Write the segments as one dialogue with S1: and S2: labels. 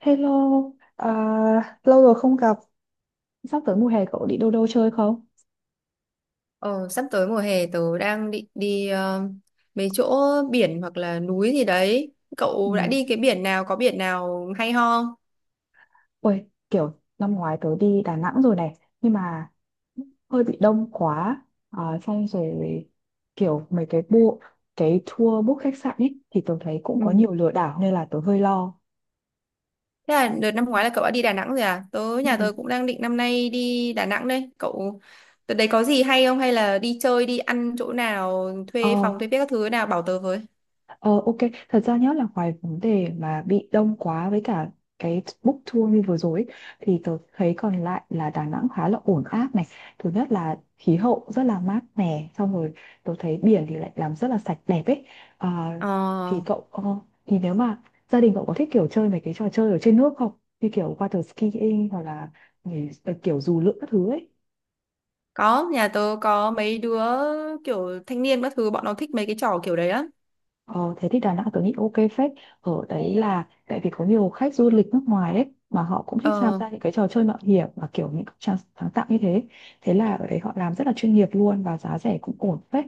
S1: Hello, lâu rồi không gặp. Sắp tới mùa hè cậu đi đâu đâu chơi không?
S2: Ờ, Sắp tới mùa hè tớ đang định đi mấy chỗ biển hoặc là núi gì đấy. Cậu đã
S1: Ừ.
S2: đi cái biển nào, có biển nào hay ho không?
S1: Ôi, kiểu năm ngoái tớ đi Đà Nẵng rồi này, nhưng mà hơi bị đông quá, xong rồi kiểu mấy cái bộ, cái tour book khách sạn ấy thì tớ thấy cũng
S2: Ừ.
S1: có nhiều lừa đảo nên là tớ hơi lo.
S2: Thế là đợt năm ngoái là cậu đã đi Đà Nẵng rồi à? Tớ
S1: Ừ.
S2: nhà tớ cũng đang định năm nay đi Đà Nẵng đây. Cậu đợt đấy có gì hay không, hay là đi chơi đi ăn chỗ nào, thuê
S1: Ờ,
S2: phòng thuê biết các thứ nào bảo tớ với.
S1: Ờ, ok, thật ra nhớ là ngoài vấn đề mà bị đông quá với cả cái book tour như vừa rồi ấy, thì tớ thấy còn lại là Đà Nẵng khá là ổn áp này. Thứ nhất là khí hậu rất là mát mẻ, xong rồi tớ thấy biển thì lại làm rất là sạch đẹp ấy. Ờ, thì
S2: Ờ,
S1: thì nếu mà gia đình cậu có thích kiểu chơi mấy cái trò chơi ở trên nước không? Như kiểu water skiing hoặc là nhảy- kiểu dù lượn các thứ ấy.
S2: có, nhà tớ có mấy đứa kiểu thanh niên các thứ, bọn nó thích mấy cái trò kiểu đấy lắm.
S1: Ờ, thế thì Đà Nẵng tôi nghĩ ok phết ở đấy, là tại vì có nhiều khách du lịch nước ngoài đấy mà họ cũng thích tham
S2: Ờ.
S1: gia những cái trò chơi mạo hiểm và kiểu những cái sáng sáng tạo như thế, thế là ở đấy họ làm rất là chuyên nghiệp luôn và giá rẻ cũng ổn phết.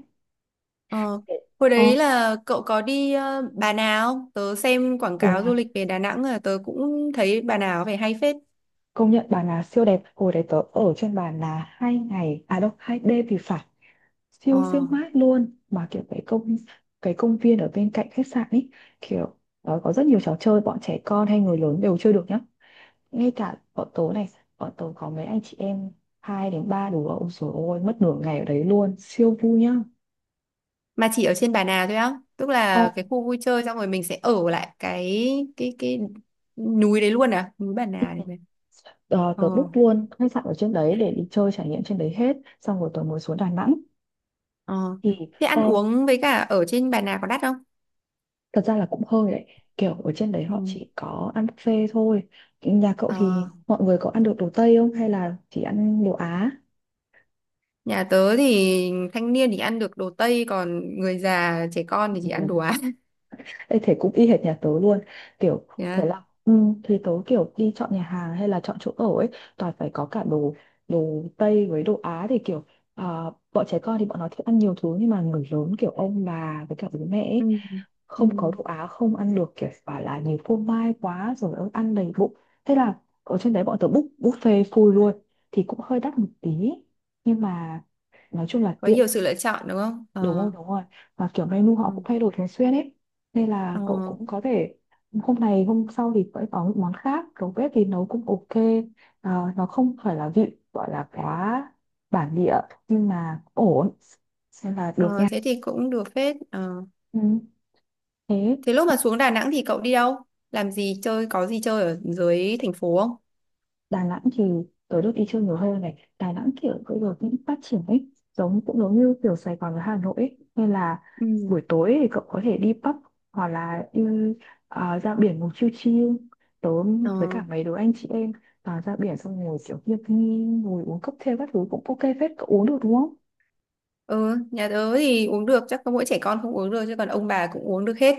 S2: Ờ, hồi
S1: ờ
S2: đấy là cậu có đi Bà Nà không? Tớ xem quảng
S1: ồ
S2: cáo du lịch về Đà Nẵng là tớ cũng thấy Bà Nà có vẻ hay phết.
S1: công nhận Bà Nà siêu đẹp, hồi đấy tớ ở trên Bà Nà hai ngày, à đâu hai đêm thì phải, siêu siêu
S2: Ờ,
S1: mát luôn, mà kiểu cái công viên ở bên cạnh khách sạn ấy, kiểu có rất nhiều trò chơi bọn trẻ con hay người lớn đều chơi được nhá. Ngay cả bọn tớ này, bọn tớ có mấy anh chị em hai đến ba đứa, ôi trời ơi, mất nửa ngày ở đấy luôn, siêu vui nhá.
S2: mà chỉ ở trên Bà Nà thôi á, tức
S1: Ồ,
S2: là cái khu vui chơi xong rồi mình sẽ ở lại cái núi đấy luôn à, núi Bà Nà này.
S1: ờ,
S2: Ờ,
S1: tớ book luôn khách sạn ở trên đấy để đi chơi trải nghiệm trên đấy hết, xong rồi tớ mới xuống Đà Nẵng.
S2: ờ.
S1: thì
S2: Thế ăn
S1: ờ,
S2: uống với cả ở trên Bà Nà có đắt không?
S1: thật ra là cũng hơi đấy, kiểu ở trên đấy
S2: Ừ.
S1: họ chỉ có ăn buffet thôi. Nhà cậu thì
S2: Ờ,
S1: mọi người có ăn được đồ Tây không hay là chỉ ăn đồ Á?
S2: nhà tớ thì thanh niên thì ăn được đồ Tây, còn người già trẻ con thì chỉ ăn
S1: Ừ.
S2: đồ Á.
S1: Ê, thế cũng y hệt nhà tớ luôn, kiểu thế
S2: Yeah.
S1: là thì tớ kiểu đi chọn nhà hàng hay là chọn chỗ ở ấy toàn phải có cả đồ đồ Tây với đồ Á, thì à, bọn trẻ con thì bọn nó thích ăn nhiều thứ nhưng mà người lớn kiểu ông bà với cả bố mẹ
S2: Ừ.
S1: ấy,
S2: Ừ.
S1: không có đồ Á không ăn được, kiểu bảo là nhiều phô mai quá rồi ớ, ăn đầy bụng. Thế là ở trên đấy bọn tớ book buffet full luôn, thì cũng hơi đắt một tí nhưng mà nói chung là
S2: Có
S1: tiện.
S2: nhiều sự lựa chọn đúng không? Ờ.
S1: Đúng rồi đúng rồi, và kiểu menu họ cũng
S2: Ừ.
S1: thay đổi thường xuyên ấy, nên
S2: ờ,
S1: là cậu cũng có thể hôm này hôm sau thì phải có những món khác, đầu bếp thì nấu cũng ok, nó không phải là vị gọi là quá bản địa nhưng mà ổn, nên là được
S2: ờ,
S1: nha.
S2: Thế thì cũng được phết. Ờ.
S1: Ừ. Thế
S2: Thế lúc mà xuống Đà Nẵng thì cậu đi đâu? Làm gì chơi, có gì chơi ở dưới thành phố không?
S1: Đà Nẵng thì tớ được đi chơi nhiều hơn này, Đà Nẵng kiểu bây giờ cũng phát triển ấy, giống cũng giống như kiểu Sài Gòn với Hà Nội ấy, nên là
S2: Ừ.
S1: buổi tối thì cậu có thể đi pub hoặc là ra biển ngồi chill chill. tớ
S2: Ờ,
S1: với cả mấy đứa anh chị em, ra biển xong ngồi kiểu hiệp nghi, ngồi uống cocktail các thứ cũng ok phết. Cậu uống được đúng không?
S2: ừ, nhà tớ thì uống được, chắc có mỗi trẻ con không uống được chứ còn ông bà cũng uống được hết.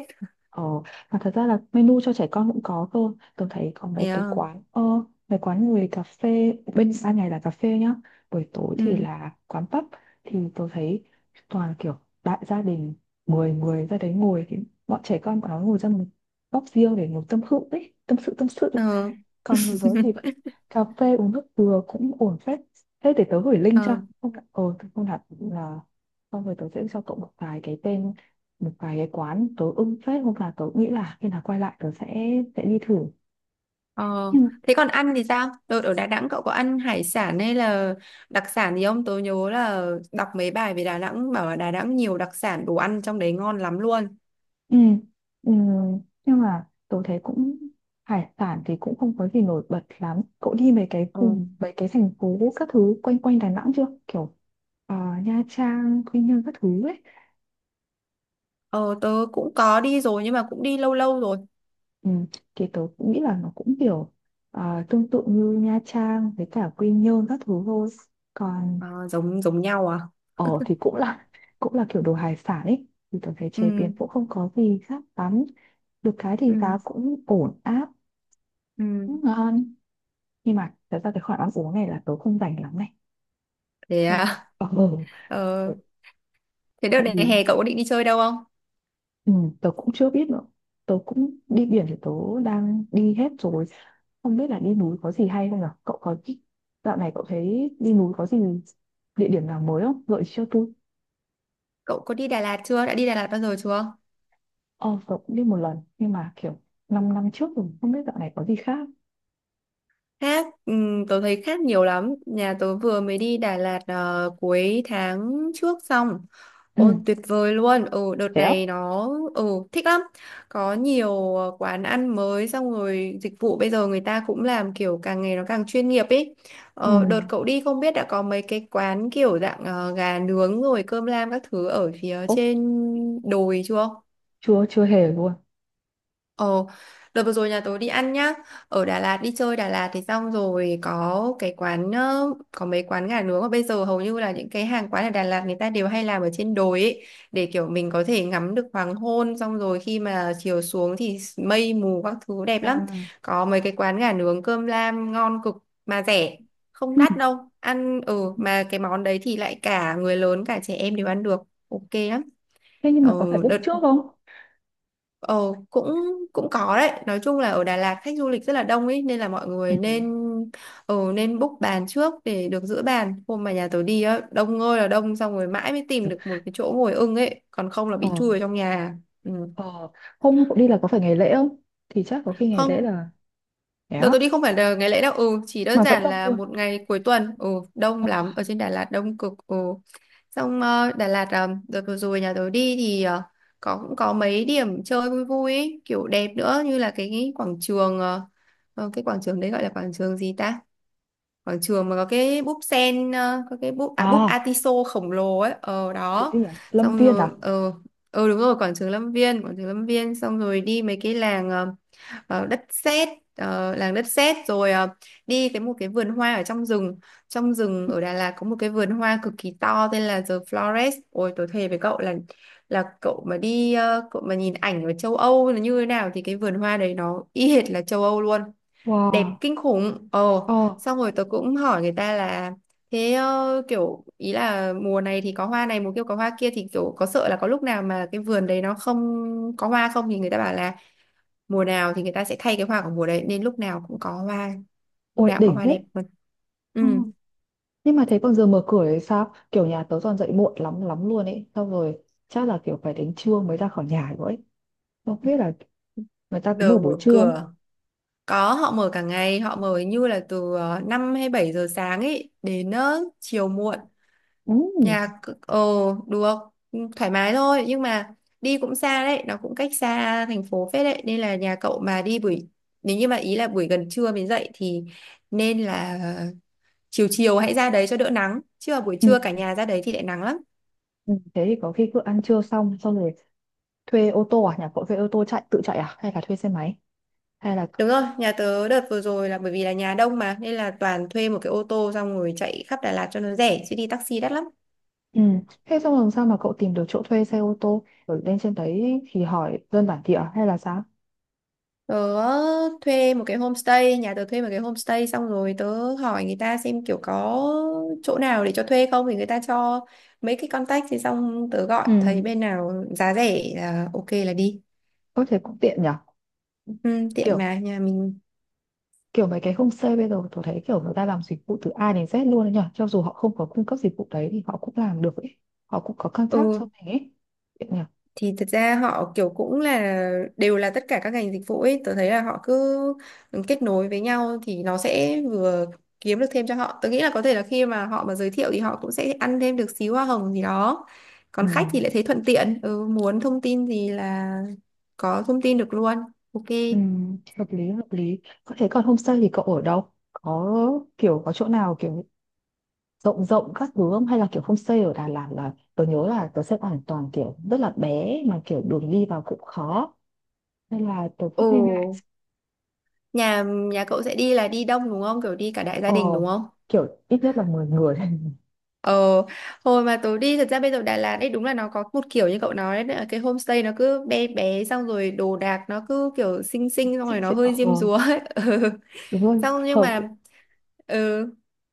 S1: Ờ, mà thật ra là menu cho trẻ con cũng có cơ. Tôi thấy có mấy cái
S2: Yeah.
S1: quán, mấy quán người cà phê, bên ban ngày là cà phê nhá. Buổi tối thì
S2: Ừ.
S1: là quán pub. Thì tôi thấy toàn kiểu đại gia đình, 10 người ra đấy ngồi. Thì bọn trẻ con bọn nó ngồi ra một góc riêng để ngồi tâm sự ấy, tâm sự.
S2: Ờ,
S1: Còn người lớn thì vẫn cà phê uống nước dừa cũng ổn phết. Thế để tớ gửi link cho,
S2: ờ,
S1: không đặt- ờ tớ không đặt là xong rồi tớ sẽ cho cậu một vài cái tên, một vài cái quán tớ ưng phết, hôm nào tớ nghĩ là khi nào quay lại tớ sẽ đi thử.
S2: ờ.
S1: Nhưng mà
S2: Thế còn ăn thì sao? Đợt ở Đà Nẵng cậu có ăn hải sản hay là đặc sản gì không? Tớ nhớ là đọc mấy bài về Đà Nẵng bảo là Đà Nẵng nhiều đặc sản, đồ ăn trong đấy ngon lắm luôn.
S1: ừ, ừ, nhưng mà tớ thấy hải sản thì cũng không có gì nổi bật lắm. Cậu đi mấy cái
S2: Ờ.
S1: vùng mấy cái thành phố các thứ quanh quanh Đà Nẵng chưa, ờ, Nha Trang Quy Nhơn các thứ ấy?
S2: Ờ tớ cũng có đi rồi nhưng mà cũng đi lâu lâu rồi.
S1: Ừ, thì tớ cũng nghĩ là nó cũng tương tự như Nha Trang với cả Quy Nhơn các thứ thôi, còn
S2: À, giống giống nhau à?
S1: thì cũng là kiểu đồ hải sản ấy, thì tớ thấy chế biến
S2: Ừ
S1: cũng không có gì khác lắm, được cái thì
S2: ừ
S1: giá cũng ổn áp,
S2: ừ.
S1: cũng ngon. Nhưng mà thật ra cái khoản ăn uống này là tớ không rảnh lắm này.
S2: Thế
S1: Nên là
S2: à? Ờ,
S1: ừ.
S2: thế đợt
S1: tại
S2: này
S1: vì
S2: hè cậu có định đi chơi đâu không?
S1: Ừ, tớ cũng chưa biết nữa. Tớ cũng đi biển thì tớ đang đi hết rồi. Không biết là đi núi có gì hay không nhở? Cậu có Dạo này cậu thấy đi núi có gì, địa điểm nào mới không? Gợi ý cho tôi.
S2: Cậu có đi Đà Lạt chưa? Đã đi Đà Lạt bao giờ chưa?
S1: Ờ, tớ cũng đi một lần nhưng mà kiểu 5 năm trước rồi, không biết dạo này có gì khác.
S2: Khác, tớ thấy khác nhiều lắm. Nhà tớ vừa mới đi Đà Lạt cuối tháng trước xong.
S1: Ừ,
S2: Ôi tuyệt vời luôn. Ừ đợt
S1: thế á?
S2: này nó ừ thích lắm. Có nhiều quán ăn mới, xong rồi dịch vụ bây giờ người ta cũng làm kiểu càng ngày nó càng chuyên nghiệp ý.
S1: Ừ.
S2: Ờ, đợt cậu đi không biết đã có mấy cái quán kiểu dạng gà nướng rồi cơm lam các thứ ở phía
S1: Ố,
S2: trên đồi chưa?
S1: chưa chưa hề luôn.
S2: Ồ, đợt vừa rồi nhà tớ đi ăn nhá. Ở Đà Lạt, đi chơi Đà Lạt thì xong rồi có cái quán có mấy quán gà nướng mà bây giờ hầu như là những cái hàng quán ở Đà Lạt người ta đều hay làm ở trên đồi ấy, để kiểu mình có thể ngắm được hoàng hôn, xong rồi khi mà chiều xuống thì mây mù các thứ đẹp lắm.
S1: Wow.
S2: Có mấy cái quán gà nướng cơm lam ngon cực mà rẻ, không
S1: Ừ.
S2: đắt đâu. Ăn ừ mà cái món đấy thì lại cả người lớn cả trẻ em đều ăn được. Ok lắm.
S1: Thế nhưng mà có
S2: Ừ,
S1: phải book
S2: đợt
S1: trước không?
S2: Ờ cũng cũng có đấy, nói chung là ở Đà Lạt khách du lịch rất là đông ấy nên là mọi
S1: Ừ.
S2: người nên nên book bàn trước để được giữ bàn, hôm mà nhà tớ đi á đông ơi là đông, xong rồi mãi mới tìm được một cái chỗ ngồi ưng ấy, còn không là
S1: Ờ,
S2: bị chui vào trong nhà. Ừ.
S1: ờ, Hôm cậu đi là có phải ngày lễ không? Thì chắc có khi ngày
S2: Không.
S1: lễ là, thế
S2: Đợt
S1: á,
S2: tôi đi không phải là ngày lễ đâu, ừ, chỉ đơn
S1: mà vẫn
S2: giản
S1: đông
S2: là
S1: luôn.
S2: một ngày cuối tuần, ừ, đông
S1: Ờ.
S2: lắm, ở trên Đà Lạt đông cực, ừ. Xong Đà Lạt, đợt vừa rồi nhà tôi đi thì có cũng có mấy điểm chơi vui vui ấy, kiểu đẹp nữa, như là cái quảng trường, cái quảng trường đấy gọi là quảng trường gì ta? Quảng trường mà có cái búp sen, có cái búp, à búp
S1: À,
S2: Atiso khổng lồ ấy, ờ
S1: cái
S2: đó.
S1: gì, à Lâm
S2: Xong
S1: Viên
S2: rồi,
S1: à?
S2: ờ đúng rồi, quảng trường Lâm Viên, quảng trường Lâm Viên, xong rồi đi mấy cái làng, đất sét làng đất sét rồi đi một cái vườn hoa ở trong rừng, trong rừng
S1: Ừ.
S2: ở Đà Lạt có một cái vườn hoa cực kỳ to tên là The Flores. Ôi tôi thề với cậu là cậu mà đi cậu mà nhìn ảnh ở châu Âu là như thế nào thì cái vườn hoa đấy nó y hệt là châu Âu luôn, đẹp
S1: Wow.
S2: kinh khủng. Ồ,
S1: Ờ.
S2: xong rồi tớ cũng hỏi người ta là thế kiểu ý là mùa này thì có hoa này, mùa kia có hoa kia, thì kiểu có sợ là có lúc nào mà cái vườn đấy nó không có hoa không, thì người ta bảo là mùa nào thì người ta sẽ thay cái hoa của mùa đấy nên lúc nào cũng có hoa, lúc
S1: Ôi
S2: nào cũng có
S1: đỉnh
S2: hoa đẹp
S1: thế.
S2: luôn.
S1: Ừ.
S2: Ừ.
S1: Nhưng mà thế còn giờ mở cửa thì sao, kiểu nhà tớ toàn dậy muộn lắm lắm luôn ấy, xong rồi chắc là kiểu phải đến trưa mới ra khỏi nhà rồi ấy, không biết là người ta có mở
S2: Giờ mở
S1: buổi trưa không?
S2: cửa có, họ mở cả ngày, họ mở như là từ 5 hay 7 giờ sáng ấy đến chiều muộn.
S1: Ừ.
S2: Nhà c- ờ Được, thoải mái thôi, nhưng mà đi cũng xa đấy, nó cũng cách xa thành phố phết đấy, nên là nhà cậu mà đi buổi, nếu như mà ý là buổi gần trưa mới dậy thì nên là chiều chiều hãy ra đấy cho đỡ nắng, chứ mà buổi
S1: Ừ.
S2: trưa cả nhà ra đấy thì lại nắng lắm.
S1: Ừ, thế thì có khi cứ ăn trưa xong xong rồi thuê ô tô, à nhà cậu thuê ô tô chạy tự chạy à hay là thuê xe máy hay là?
S2: Đúng rồi, nhà tớ đợt vừa rồi là bởi vì là nhà đông mà nên là toàn thuê một cái ô tô xong rồi chạy khắp Đà Lạt cho nó rẻ chứ đi taxi đắt lắm.
S1: Ừ. Thế xong làm sao mà cậu tìm được chỗ thuê xe ô tô rồi lên trên đấy thì hỏi dân bản địa hay là sao?
S2: Tớ thuê một cái homestay, nhà tớ thuê một cái homestay xong rồi tớ hỏi người ta xem kiểu có chỗ nào để cho thuê không, thì người ta cho mấy cái contact, thì xong tớ gọi
S1: Ừ,
S2: thấy bên nào giá rẻ là ok là đi.
S1: có thể cũng tiện nhỉ.
S2: Ừ, tiện
S1: kiểu
S2: mà nhà mình.
S1: kiểu mấy cái homestay bây giờ tôi thấy kiểu người ta làm dịch vụ từ A đến Z luôn đấy nhở, cho dù họ không có cung cấp dịch vụ đấy thì họ cũng làm được ấy, họ cũng có contact cho
S2: Ừ,
S1: mình ấy. Vậy nhở.
S2: thì thật ra họ kiểu cũng là đều là tất cả các ngành dịch vụ ấy, tôi thấy là họ cứ kết nối với nhau thì nó sẽ vừa kiếm được thêm cho họ, tôi nghĩ là có thể là khi mà họ mà giới thiệu thì họ cũng sẽ ăn thêm được xíu hoa hồng gì đó,
S1: Ừ.
S2: còn khách thì lại thấy thuận tiện, ừ, muốn thông tin gì là có thông tin được luôn. Ok.
S1: Ừ. Hợp lý hợp lý. Có thể. Còn homestay thì cậu ở đâu, có có chỗ nào rộng rộng các thứ không, hay là kiểu homestay ở Đà Lạt, là tôi nhớ là tôi xem hoàn toàn kiểu rất là bé mà kiểu đường đi vào cũng khó, nên là tôi
S2: Ồ,
S1: cũng hơi ngại.
S2: nhà nhà cậu sẽ đi là đi đông đúng không, kiểu đi cả đại gia
S1: Ờ,
S2: đình đúng không?
S1: kiểu ít nhất là mười người.
S2: Ờ, hồi mà tớ đi, thật ra bây giờ Đà Lạt ấy đúng là nó có một kiểu như cậu nói đấy, cái homestay nó cứ bé bé xong rồi đồ đạc nó cứ kiểu xinh xinh xong
S1: Chị-
S2: rồi nó
S1: chị-
S2: hơi diêm
S1: ờ
S2: dúa ấy. Ừ.
S1: Đúng rồi,
S2: Xong nhưng
S1: hợp,
S2: mà ừ,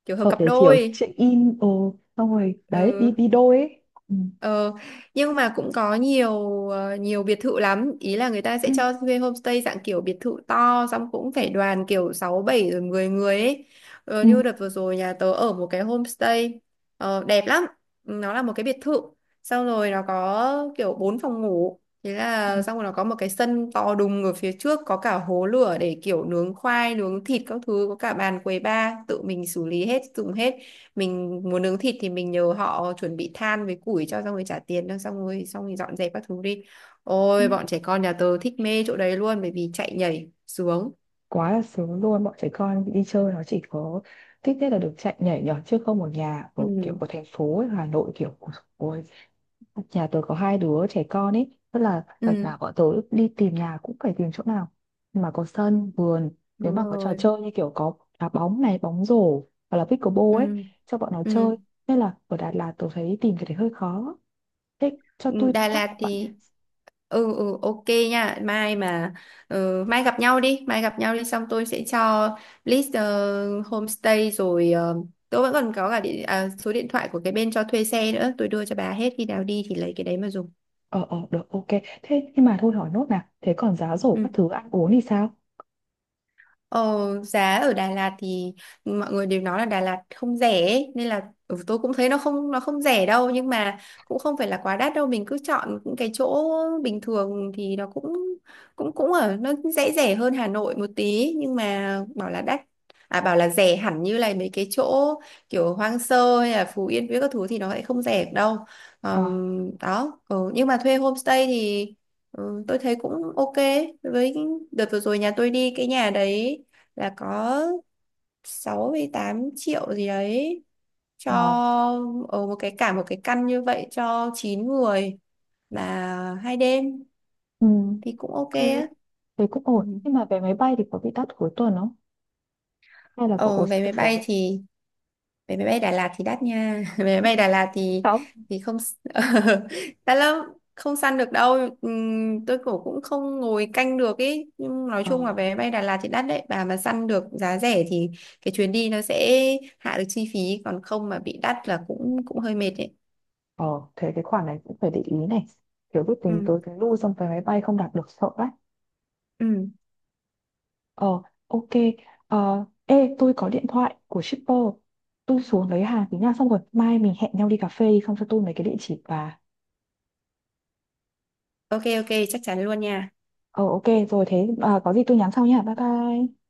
S2: kiểu hợp
S1: hợp
S2: cặp
S1: để kiểu
S2: đôi.
S1: check in xong rồi đấy, đi
S2: Ừ.
S1: đi đôi ấy. Ừ.
S2: Ờ, nhưng mà cũng có nhiều nhiều biệt thự lắm, ý là người ta
S1: Ừ.
S2: sẽ cho thuê homestay dạng kiểu biệt thự to, xong cũng phải đoàn kiểu 6 7 rồi 10 người ấy.
S1: Ừ.
S2: Như đợt vừa rồi nhà tớ ở một cái homestay đẹp lắm, nó là một cái biệt thự, xong rồi nó có kiểu 4 phòng ngủ, thế
S1: Ừ.
S2: là xong rồi nó có một cái sân to đùng ở phía trước, có cả hố lửa để kiểu nướng khoai nướng thịt các thứ, có cả bàn quầy bar tự mình xử lý hết dùng hết. Mình muốn nướng thịt thì mình nhờ họ chuẩn bị than với củi cho, xong rồi trả tiền thôi, xong rồi dọn dẹp các thứ đi.
S1: Ừ.
S2: Ôi bọn trẻ con nhà tớ thích mê chỗ đấy luôn, bởi vì chạy nhảy xuống
S1: Quá là sướng luôn, bọn trẻ con đi chơi nó chỉ có thích nhất là được chạy nhảy nhót, chứ không một nhà
S2: ừ
S1: ở kiểu của thành phố ấy, Hà Nội kiểu của. Ôi, nhà tớ có hai đứa trẻ con ấy, tức là đợt
S2: ừ
S1: nào bọn tớ đi tìm nhà cũng phải tìm chỗ nào mà có sân vườn, nếu
S2: đúng
S1: mà có trò
S2: rồi
S1: chơi như kiểu có đá bóng này, bóng rổ hoặc là pickleball ấy
S2: ừ
S1: cho bọn nó chơi,
S2: ừ.
S1: nên là ở Đà Lạt tôi thấy tìm cái đấy hơi khó. Thế cho
S2: Ừ,
S1: tôi
S2: Đà
S1: contact
S2: Lạt
S1: của bạn nha.
S2: thì ừ ừ ok nha. Mai gặp nhau đi, mai gặp nhau đi, xong tôi sẽ cho list homestay, rồi tôi vẫn còn có cả địa, à, số điện thoại của cái bên cho thuê xe nữa, tôi đưa cho bà hết, khi nào đi thì lấy cái đấy mà dùng.
S1: Ờ ờ được ok. Thế nhưng mà thôi hỏi nốt nào. Thế còn giá rổ
S2: Ừ.
S1: các thứ ăn uống thì sao?
S2: Ờ, giá ở Đà Lạt thì mọi người đều nói là Đà Lạt không rẻ ấy, nên là ừ, tôi cũng thấy nó không, nó không rẻ đâu, nhưng mà cũng không phải là quá đắt đâu, mình cứ chọn những cái chỗ bình thường thì nó cũng cũng cũng ở nó dễ rẻ hơn Hà Nội một tí, nhưng mà bảo là đắt à bảo là rẻ hẳn như là mấy cái chỗ kiểu hoang sơ hay là Phú Yên với các thứ thì nó lại không rẻ đâu.
S1: Ờ
S2: Đó ừ, nhưng mà thuê homestay thì ừ, tôi thấy cũng ok. với cái- Đợt vừa rồi nhà tôi đi cái nhà đấy là có 68 triệu gì đấy cho
S1: à,
S2: ở một cái cả một cái căn như vậy cho 9 người là 2 đêm
S1: ừ.
S2: thì cũng ok
S1: Ok.
S2: á.
S1: Thế cũng
S2: Ừ.
S1: ổn. Nhưng mà vé máy bay thì có bị đắt cuối tuần không? Hay là cậu có
S2: Ở vé
S1: săn
S2: máy
S1: được
S2: bay
S1: vé?
S2: thì vé máy bay Đà Lạt thì đắt nha. Vé máy
S1: Ừ.
S2: bay Đà Lạt
S1: Không.
S2: thì không đắt lắm, không săn được đâu. Tôi cũng cũng không ngồi canh được ý, nhưng nói
S1: Ờ
S2: chung là vé máy bay Đà Lạt thì đắt đấy, bà mà săn được giá rẻ thì cái chuyến đi nó sẽ hạ được chi phí, còn không mà bị đắt là cũng cũng hơi mệt đấy.
S1: ờ, thế cái khoản này cũng phải để ý này. Kiểu biết tính
S2: Ừ.
S1: tới cái lưu xong vé máy bay không đạt được sợ đấy.
S2: Ừ
S1: Ờ ok. Ờ ê, tôi có điện thoại của shipper. Tôi xuống lấy hàng tí nha, xong rồi mai mình hẹn nhau đi cà phê xong cho tôi mấy cái địa chỉ và.
S2: ok. Ok chắc chắn luôn nha.
S1: Ờ ok rồi thế, có gì tôi nhắn sau nha. Bye bye.